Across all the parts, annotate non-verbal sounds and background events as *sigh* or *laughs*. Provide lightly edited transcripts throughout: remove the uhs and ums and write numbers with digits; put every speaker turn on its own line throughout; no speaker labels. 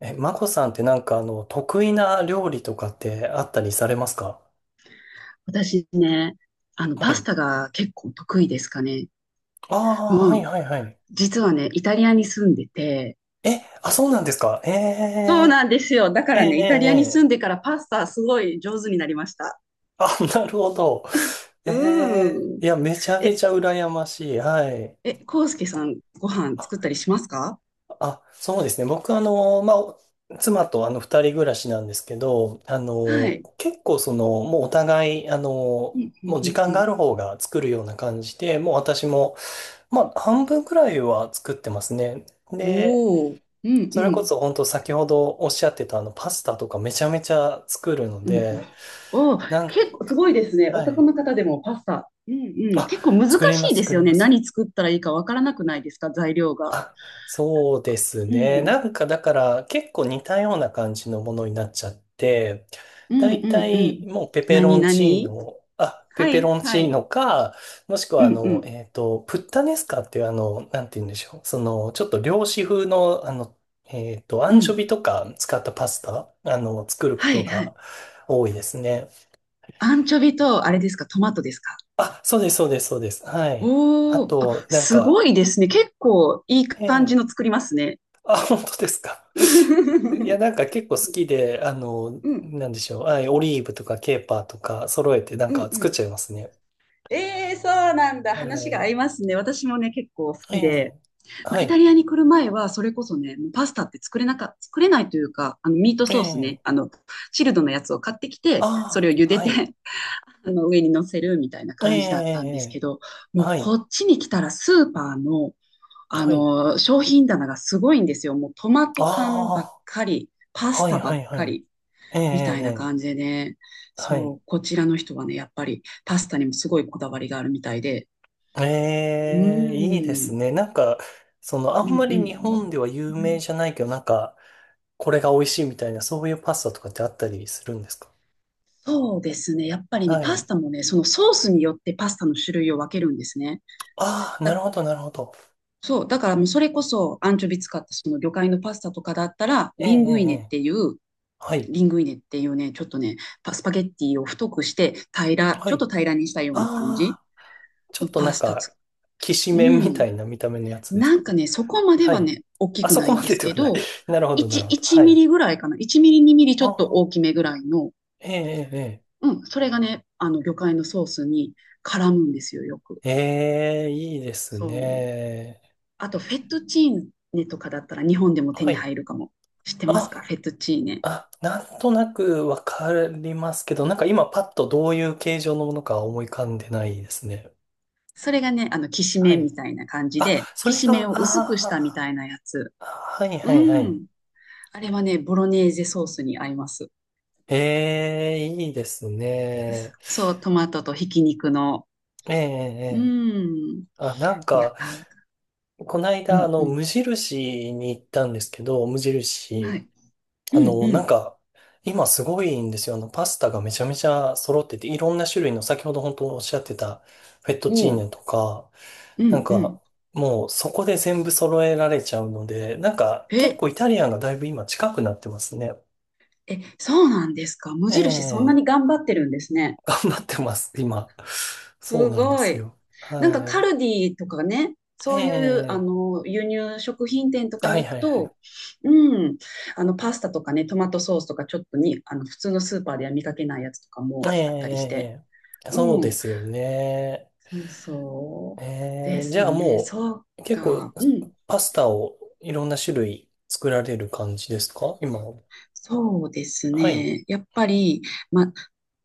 え、マコさんって得意な料理とかってあったりされますか？
私ね、
は
パス
い。
タが結構得意ですかね。
ああ、は
う
い
ん。
はいはい。
実はね、イタリアに住んでて、
え、あ、そうなんですか。ええ、
そうなんですよ。だか
え
らね、イタリアに住
え、
ん
ええ、
でからパスタすごい上手になりました。
あ、*laughs* なるほど。ええ、
うん。
いや、めちゃめ
え、
ちゃ羨ましい。はい。
康介さん、ご飯
あ、
作ったりしますか？
あ、そうですね。僕妻と二人暮らしなんですけど、あ
は
の、
い。
結構その、もうお互い、
うんうんう
もう時
んう
間が
ん。
ある方が作るような感じで、もう私も、まあ、半分くらいは作ってますね。で、
おお、うんう
それこ
ん。
そ本当先ほどおっしゃってたあのパスタとかめちゃめちゃ作るの
うんうん、
で、
おお、
なん
結構すごい
か、
ですね。
は
男
い。
の方でもパスタ。うんうん。
あ、
結構難
作りま
しい
す、
で
作
す
り
よね。
ます。
何作ったらいいかわからなくないですか材料
*laughs*
が。
あ、そうです
う
ね。
ん。
なんかだから結構似たような感じのものになっちゃって、
う
だ
んう
いた
んう
い
ん。
もうペペロ
何
ンチー
何、
ノ、あ、ペ
は
ペ
い
ロンチ
は
ー
い。
ノか、もしくは
うんう
プッタネスカっていうあの、なんて言うんでしょう。その、ちょっと漁師風のあの、ア
んう
ンチョビ
ん。
とか使ったパスタ、あの、作るこ
は
と
いは
が
い。
多いですね。
アンチョビと、あれですか、トマトですか？
あ、そうです、そうです、そうです。はい。あ
おおー、あ、
と、なん
すご
か、
いですね。結構いい
え
感じ
え、
の作りますね。
あ、本当ですか。
*laughs* う
*laughs* いや、
ん
なんか結構好きで、あの、なんでしょう。はい、オリーブとかケーパーとか揃えてなん
うん
か
う
作っ
ん。
ちゃいますね。
ええ、そうなんだ。
は
話が合
い。
いますね。私もね、結構好
え
きで。
え。
ま
は
あ、イタリ
い。
アに来る前は、それこそね、もうパスタって作れないというか、ミート
え
ソースね、
え。
チルドのやつを買ってきて、そ
ああ、
れを茹で
は
て、
い。
あの上に乗せるみたいな
え
感じだったんですけ
え。
ど、もう
はい。
こっちに来たらスーパーの、
はい。
商品棚がすごいんですよ。もうトマト缶ばっ
あ
かり、パ
あ、
ス
はい、
タば
は
っ
い、は
か
い。
り、
ええ、
みたいな
ええ、
感じでね。
は
そ
い。
う、こちらの人はね、やっぱりパスタにもすごいこだわりがあるみたいで。う
ええ、いいで
ー
す
ん。
ね。なんか、その、あ
うん
んま
う
り日本
ん。
では有名じゃないけどなんかこれが美味しいみたいなそういうパスタとかってあったりするんですか？
そうですね。やっぱりね、
は
パス
い、
タもね、そのソースによってパスタの種類を分けるんですね。
ああ、なる
だ
ほど、なるほど。
そう、だからもうそれこそアンチョビ使ったその魚介のパスタとかだったら、
ええ、ええ、ええ、はい、
リングイネっていうね、ちょっとね、パゲッティを太くして
は
ちょっ
い。
と平らにしたような感じ
ああ、ちょ
の
っとな
パ
ん
スタつ、
か、きし
う
めんみた
ん。
いな見た目のやつです
なん
か？
かね、そこまで
は
は
い。
ね、大き
あ
く
そ
な
こ
いん
ま
で
で
す
で
け
はない。
ど、
*laughs* なるほど、なるほど。は
1ミ
い。
リぐらいかな。1ミリ、2ミリちょ
あ
っと
あ、
大きめぐらいの、
ええ、
うん、それがね、あの魚介のソースに絡むんですよ、よく。
ええ、ええ、ええ、いいです
そう。
ね。
あと、フェットチーネとかだったら日本でも手
は
に
い。
入るかも。知ってますか
あ、
フェットチーネ。
あ、なんとなくわかりますけど、なんか今パッとどういう形状のものか思い浮かんでないですね。
それがね、きし
は
めん
い。
みたいな感じ
あ、
で、
そ
き
れ
し
が、
め
あ
んを薄くしたみ
あ、
たいなやつ。
あ、はい、
う
はい、はい。
ん。あれはね、ボロネーゼソースに合います。
ええ、いいですね。
そう、トマトとひき肉の。
ええ、
う
ええ。
ん。
あ、なん
いや、
か、この
う
間、あ
んう
の、
ん。
無印に行ったんですけど、無
は
印、
い。う
あ
ん
の、
う
なん
ん。
か、今すごいんですよ。あの、パスタがめちゃめちゃ揃ってて、いろんな種類の、先ほど本当おっしゃってた、フェットチー
おう。
ネとか、
う
なん
んう
か、
ん。
もうそこで全部揃えられちゃうので、なんか、結
え、
構イタリアンがだいぶ今近くなってますね。
そうなんですか？無
え
印そんな
え、
に頑張ってるんですね。
*laughs* 頑張ってます、今。そう
す
なんで
ご
す
い。
よ。
なん
は
かカル
い。
ディとかね、そういうあ
ええ、
の輸入食品店とか
はい
に行
は
く
いはい。
と、うん、あのパスタとかね、トマトソースとかちょっとに、あの普通のスーパーでは見かけないやつとかもあったりして、
ええ、
う
そうで
ん、
すよね。
そう
え
で
え、じ
す
ゃあ
ね、
も
そう
う、結構、
か、うん、
パスタをいろんな種類作られる感じですか今は？
そうです
はい。
ね、やっぱり、ま、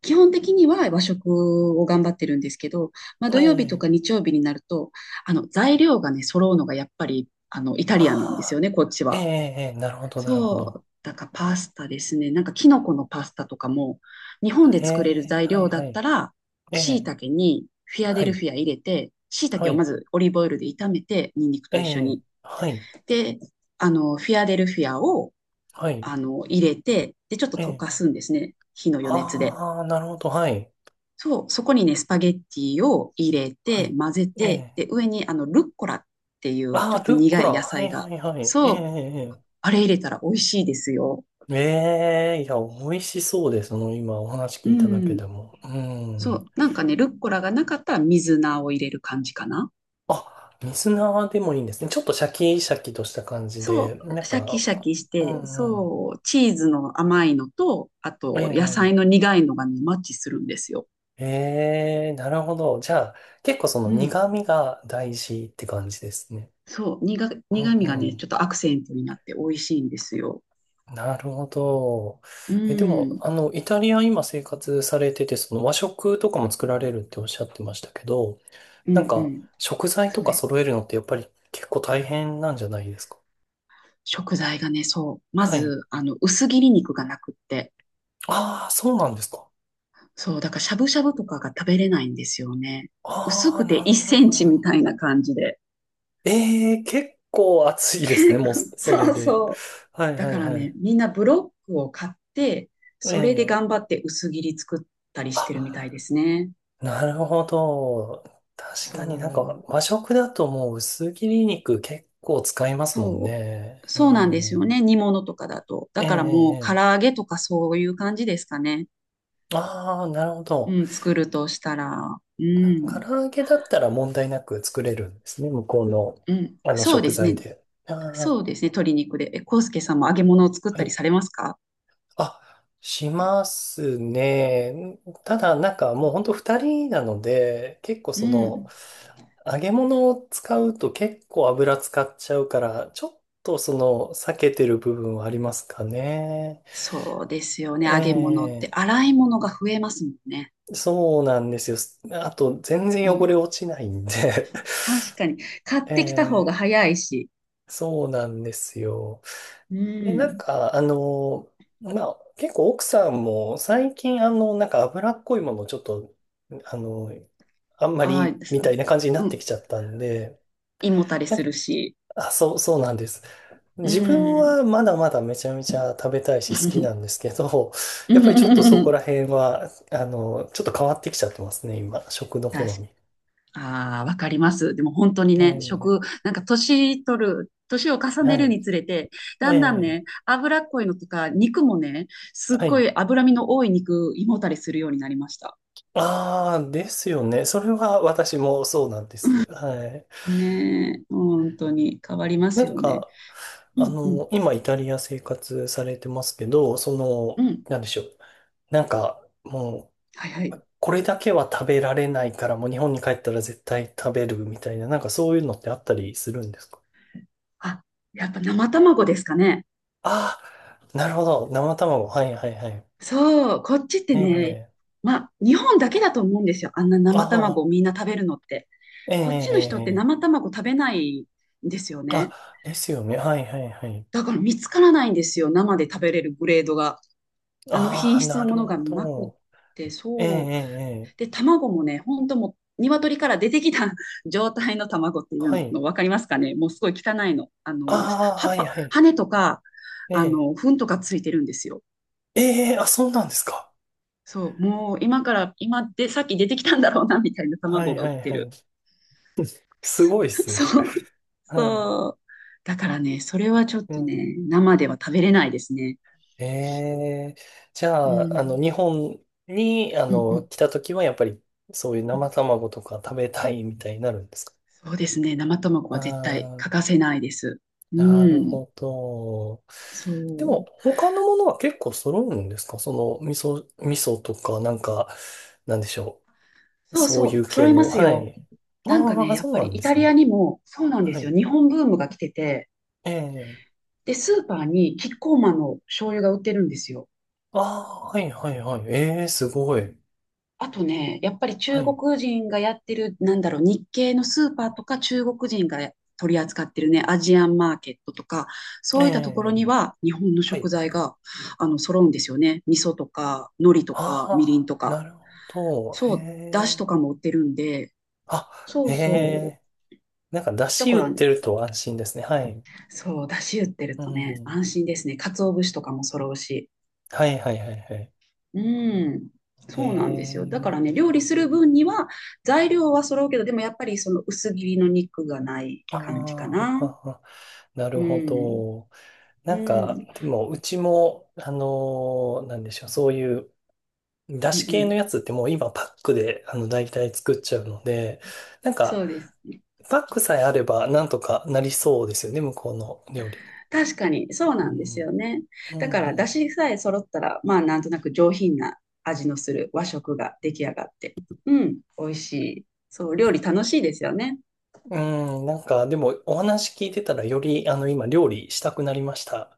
基本的には和食を頑張ってるんですけど、まあ、土曜日と
え
か
え、
日曜日になると、あの材料がね、揃うのがやっぱりあのイタ
あ
リアンなんですよ
あ、
ね、こっち
ええ、
は。
ええ、なるほどなるほど。
そう、だからパスタですね。なんかキノコのパスタとかも、日本で
え
作れる
え、
材
はい
料だ
は
った
い。
ら、
え
椎
え、
茸にフィアデ
は
ルフ
い。
ィア入れて、椎
は
茸をま
い。
ずオリーブオイルで炒めて、ニンニク
え
と一緒
え、
に。
はい。
で、フィアデルフィアを、
はい。
入れて、で、ちょっと
え
溶
え、
かすんですね。火の余熱で。
ああー、なるほど。はい。
そう、そこにね、スパゲッティを入れて、
は
混ぜ
い。え
て、
え、
で、上にあの、ルッコラっていう、
あ
ち
あ、
ょっと
ルッコ
苦い
ラ。
野
はい
菜が。
はいはい。ええ、え
そう、
え、
あれ入れたら美味しいですよ。
ええ、いや、美味しそうです。その今お話聞
う
いただけ
ん。
でも。う
そ
ん。
う、なんかね、ルッコラがなかったら水菜を入れる感じかな。
あ、水菜でもいいんですね。ちょっとシャキシャキとした感じで、
そ
な
う、
ん
シャキ
か、
シャキし
う
て、
んうん。
そう、チーズの甘いのと、あ
え
と野菜の苦いのがね、マッチするんですよ。
え、ええ、なるほど。じゃあ、結構その
うん、
苦味が大事って感じですね。うん
苦味が
う
ね、
ん。
ちょっとアクセントになって美味しいんですよ。
なるほど。
う
え、でも、
ん、
あの、イタリア今生活されてて、その和食とかも作られるっておっしゃってましたけど、
う
なん
ん、う
か、
ん、
食材と
そう
か
です。
揃えるのってやっぱり結構大変なんじゃないですか？
食材がね、そう、ま
はい。
ず、薄切り肉がなくって、
ああ、そうなんですか。
そう、だからしゃぶしゃぶとかが食べれないんですよね。薄
あ
く
あ、
て
なる
1
ほ
セン
ど。
チみたいな感じで。
ええ、結構暑いですね、もう、
*laughs*
それ
そう
で。
そう。
はい
だ
は
か
い
ら
は
ね、
い。
みんなブロックを買って、
え
それで
え。
頑張って薄切り作ったりし
あ、
てるみたいですね。
なるほど。確かになん
そ
か
う。
和食だともう薄切り肉結構使いますもん
そ
ね。
う。
う
そうなんですよ
ん。
ね。煮物とかだと。
え
だ
え、
からもう唐
ええ。
揚げとかそういう感じですかね。
ああー、なるほど。
うん、作るとしたら。う
唐
ん。
揚げだったら問題なく作れるんですね。向こうの、
うん。
あの
そう
食
です
材
ね。
で。あ
そ
あ、
うですね。鶏肉で。え、コウスケさんも揚げ物を作っ
は
たり
い。
されますか？
あ、しますね。ただ、なんかもう本当二人なので、結構
う
その、
ん。
揚げ物を使うと結構油使っちゃうから、ちょっとその、避けてる部分はありますかね。
そうですよね。揚げ物って
え
洗い物が増えますもんね。
え、そうなんですよ。あと、全
う
然汚
ん。
れ落ちないんで
確かに。買っ
*laughs*
てきた方
ええ、
が早いし、
そうなんですよ。
う
で、なん
ん。
か、あの、まあ、結構奥さんも最近、あの、なんか脂っこいものをちょっと、あの、あんま
ああ、
り
です、
みたいな感じにな
う
って
ん。
きちゃったんで、
胃もたれ
な、
するし。
あ、そう、そうなんです。
う
自分
ん。
はまだまだめちゃめちゃ食べたいし好きなんで
*laughs*
すけど、
う
やっぱりちょっとそこ
ん、
ら辺は、あの、ちょっと変わってきちゃってますね、今、食の好
確か。
み。
ああ、わかります。でも本当に
え
ね、
え、
なんか年を重ね
は
る
い。
につれて、だ
え
んだん
え、
ね、脂っこいのとか、肉もね、すっ
は
ご
い。
い脂身の多い肉、胃もたれするようになりました。
ああ、ですよね。それは私もそうなんです。はい。
ねえ、本当に変わりま
な
す
ん
よね。
か、
う
あ
んうん
の、今イタリア生活されてますけど、そ
う
の、
ん。
なんでしょう。なんか、も
はいはい。
う、これだけは食べられないから、もう日本に帰ったら絶対食べるみたいな、なんかそういうのってあったりするんですか？
あ、やっぱ生卵ですかね。
ああー、なるほど。生卵。はいはいはい。
そう、こっちってね、
ええ、
まあ、日本だけだと思うんですよ。あんな生卵
ああ
をみんな食べるのって。
ー、ええ、え
こっちの人って
え、え
生
え、
卵食べないんですよね。
あ、ですよね。はいはいはい。
だから見つからないんですよ。生で食べれるグレードが。あの
あ
品
あ、
質の
な
も
る
のが
ほ
なくっ
ど。
て、
ええ、ええ、
そう。
ええ、
で、卵もね、ほんともう、鶏から出てきた *laughs* 状態の卵ってい
は
う
い。
の分かりますかね、もうすごい汚いの。
ああ、
葉
は
っ
い
ぱ、
はい。
羽とか、
ええ、
糞とかついてるんですよ。
ええ、あ、そうなんですか。
そう、もう今から、今で、さっき出てきたんだろうな、みたいな
は
卵
い
が売っ
はい
て
はい。
る。
すごいっ
*laughs*
すね。
そう、
*laughs* は
そう。だからね、それはちょっ
い。う
と
ん。
ね、生では食べれないですね。
ええ、じ
う
ゃあ、あの、
ん、
日本に、あ
うん、う
の、
ん。
来た時は、やっぱり、そういう生卵とか食べたいみたいになるんですか？
そうですね、生卵は絶対
あ
欠か
あ、
せないです。う
なる
ん、
ほど。
そ
でも、
う。
他のものは結構揃うんですか、その、味噌、味噌とか、なんか、なんでしょう。
そう
そうい
そ
う
う、揃
系
いま
の、
す
は
よ。
い。
なんか
あ
ね、
あ、
やっ
そう
ぱ
な
り
ん
イ
で
タ
す
リ
ね。
アにも、そうなんで
は
すよ、
い。
日本ブームが来てて、
ええ、
で、スーパーにキッコーマンの醤油が売ってるんですよ。
ああ、はい、はい、はい。ええ、すごい。
あとね、やっぱり
は
中
い。
国人がやってる、なんだろう、日系のスーパーとか中国人が取り扱ってるね、アジアンマーケットとか、
え
そういったところ
え、
には日本の
は
食
い。
材が、揃うんですよね。味噌とか、海苔と
あ
か、みりん
あ、
と
な
か。
るほど。へ
そう、だし
え。
とかも売ってるんで、
あ、
そ
へ
うそ
え。なんか、出
う。だか
汁売
ら、
ってると安心ですね。はい。
そう、だし売ってる
う
とね、
ん。
安心ですね。鰹節とかも揃うし。
はいはいはいはい。
うん、
へ
そうなんですよ。だか
え。
らね、料理する分には材料は揃うけど、でもやっぱりその薄切りの肉がない
ああ、
感じか
は
な。
は、は、な
う
るほ
ん、
ど。
うん、
なん
う
か、
ん
でも、うちも、あのーなんでしょう、そういう、出
う
汁系の
ん。
やつってもう今パックで、あの、大体作っちゃうので、なんか、
そうです。
パックさえあれば、なんとかなりそうですよね、向こうの料理。
確かに、そう
う
なんです
ん。
よね。
うん
だか
う
ら、出
ん、
汁さえ揃ったら、まあ、なんとなく上品な味のする和食が出来上がって、うん、美味しい。そう、料理楽しいですよね。
うん、なんか、でも、お話聞いてたら、より、あの、今、料理したくなりました。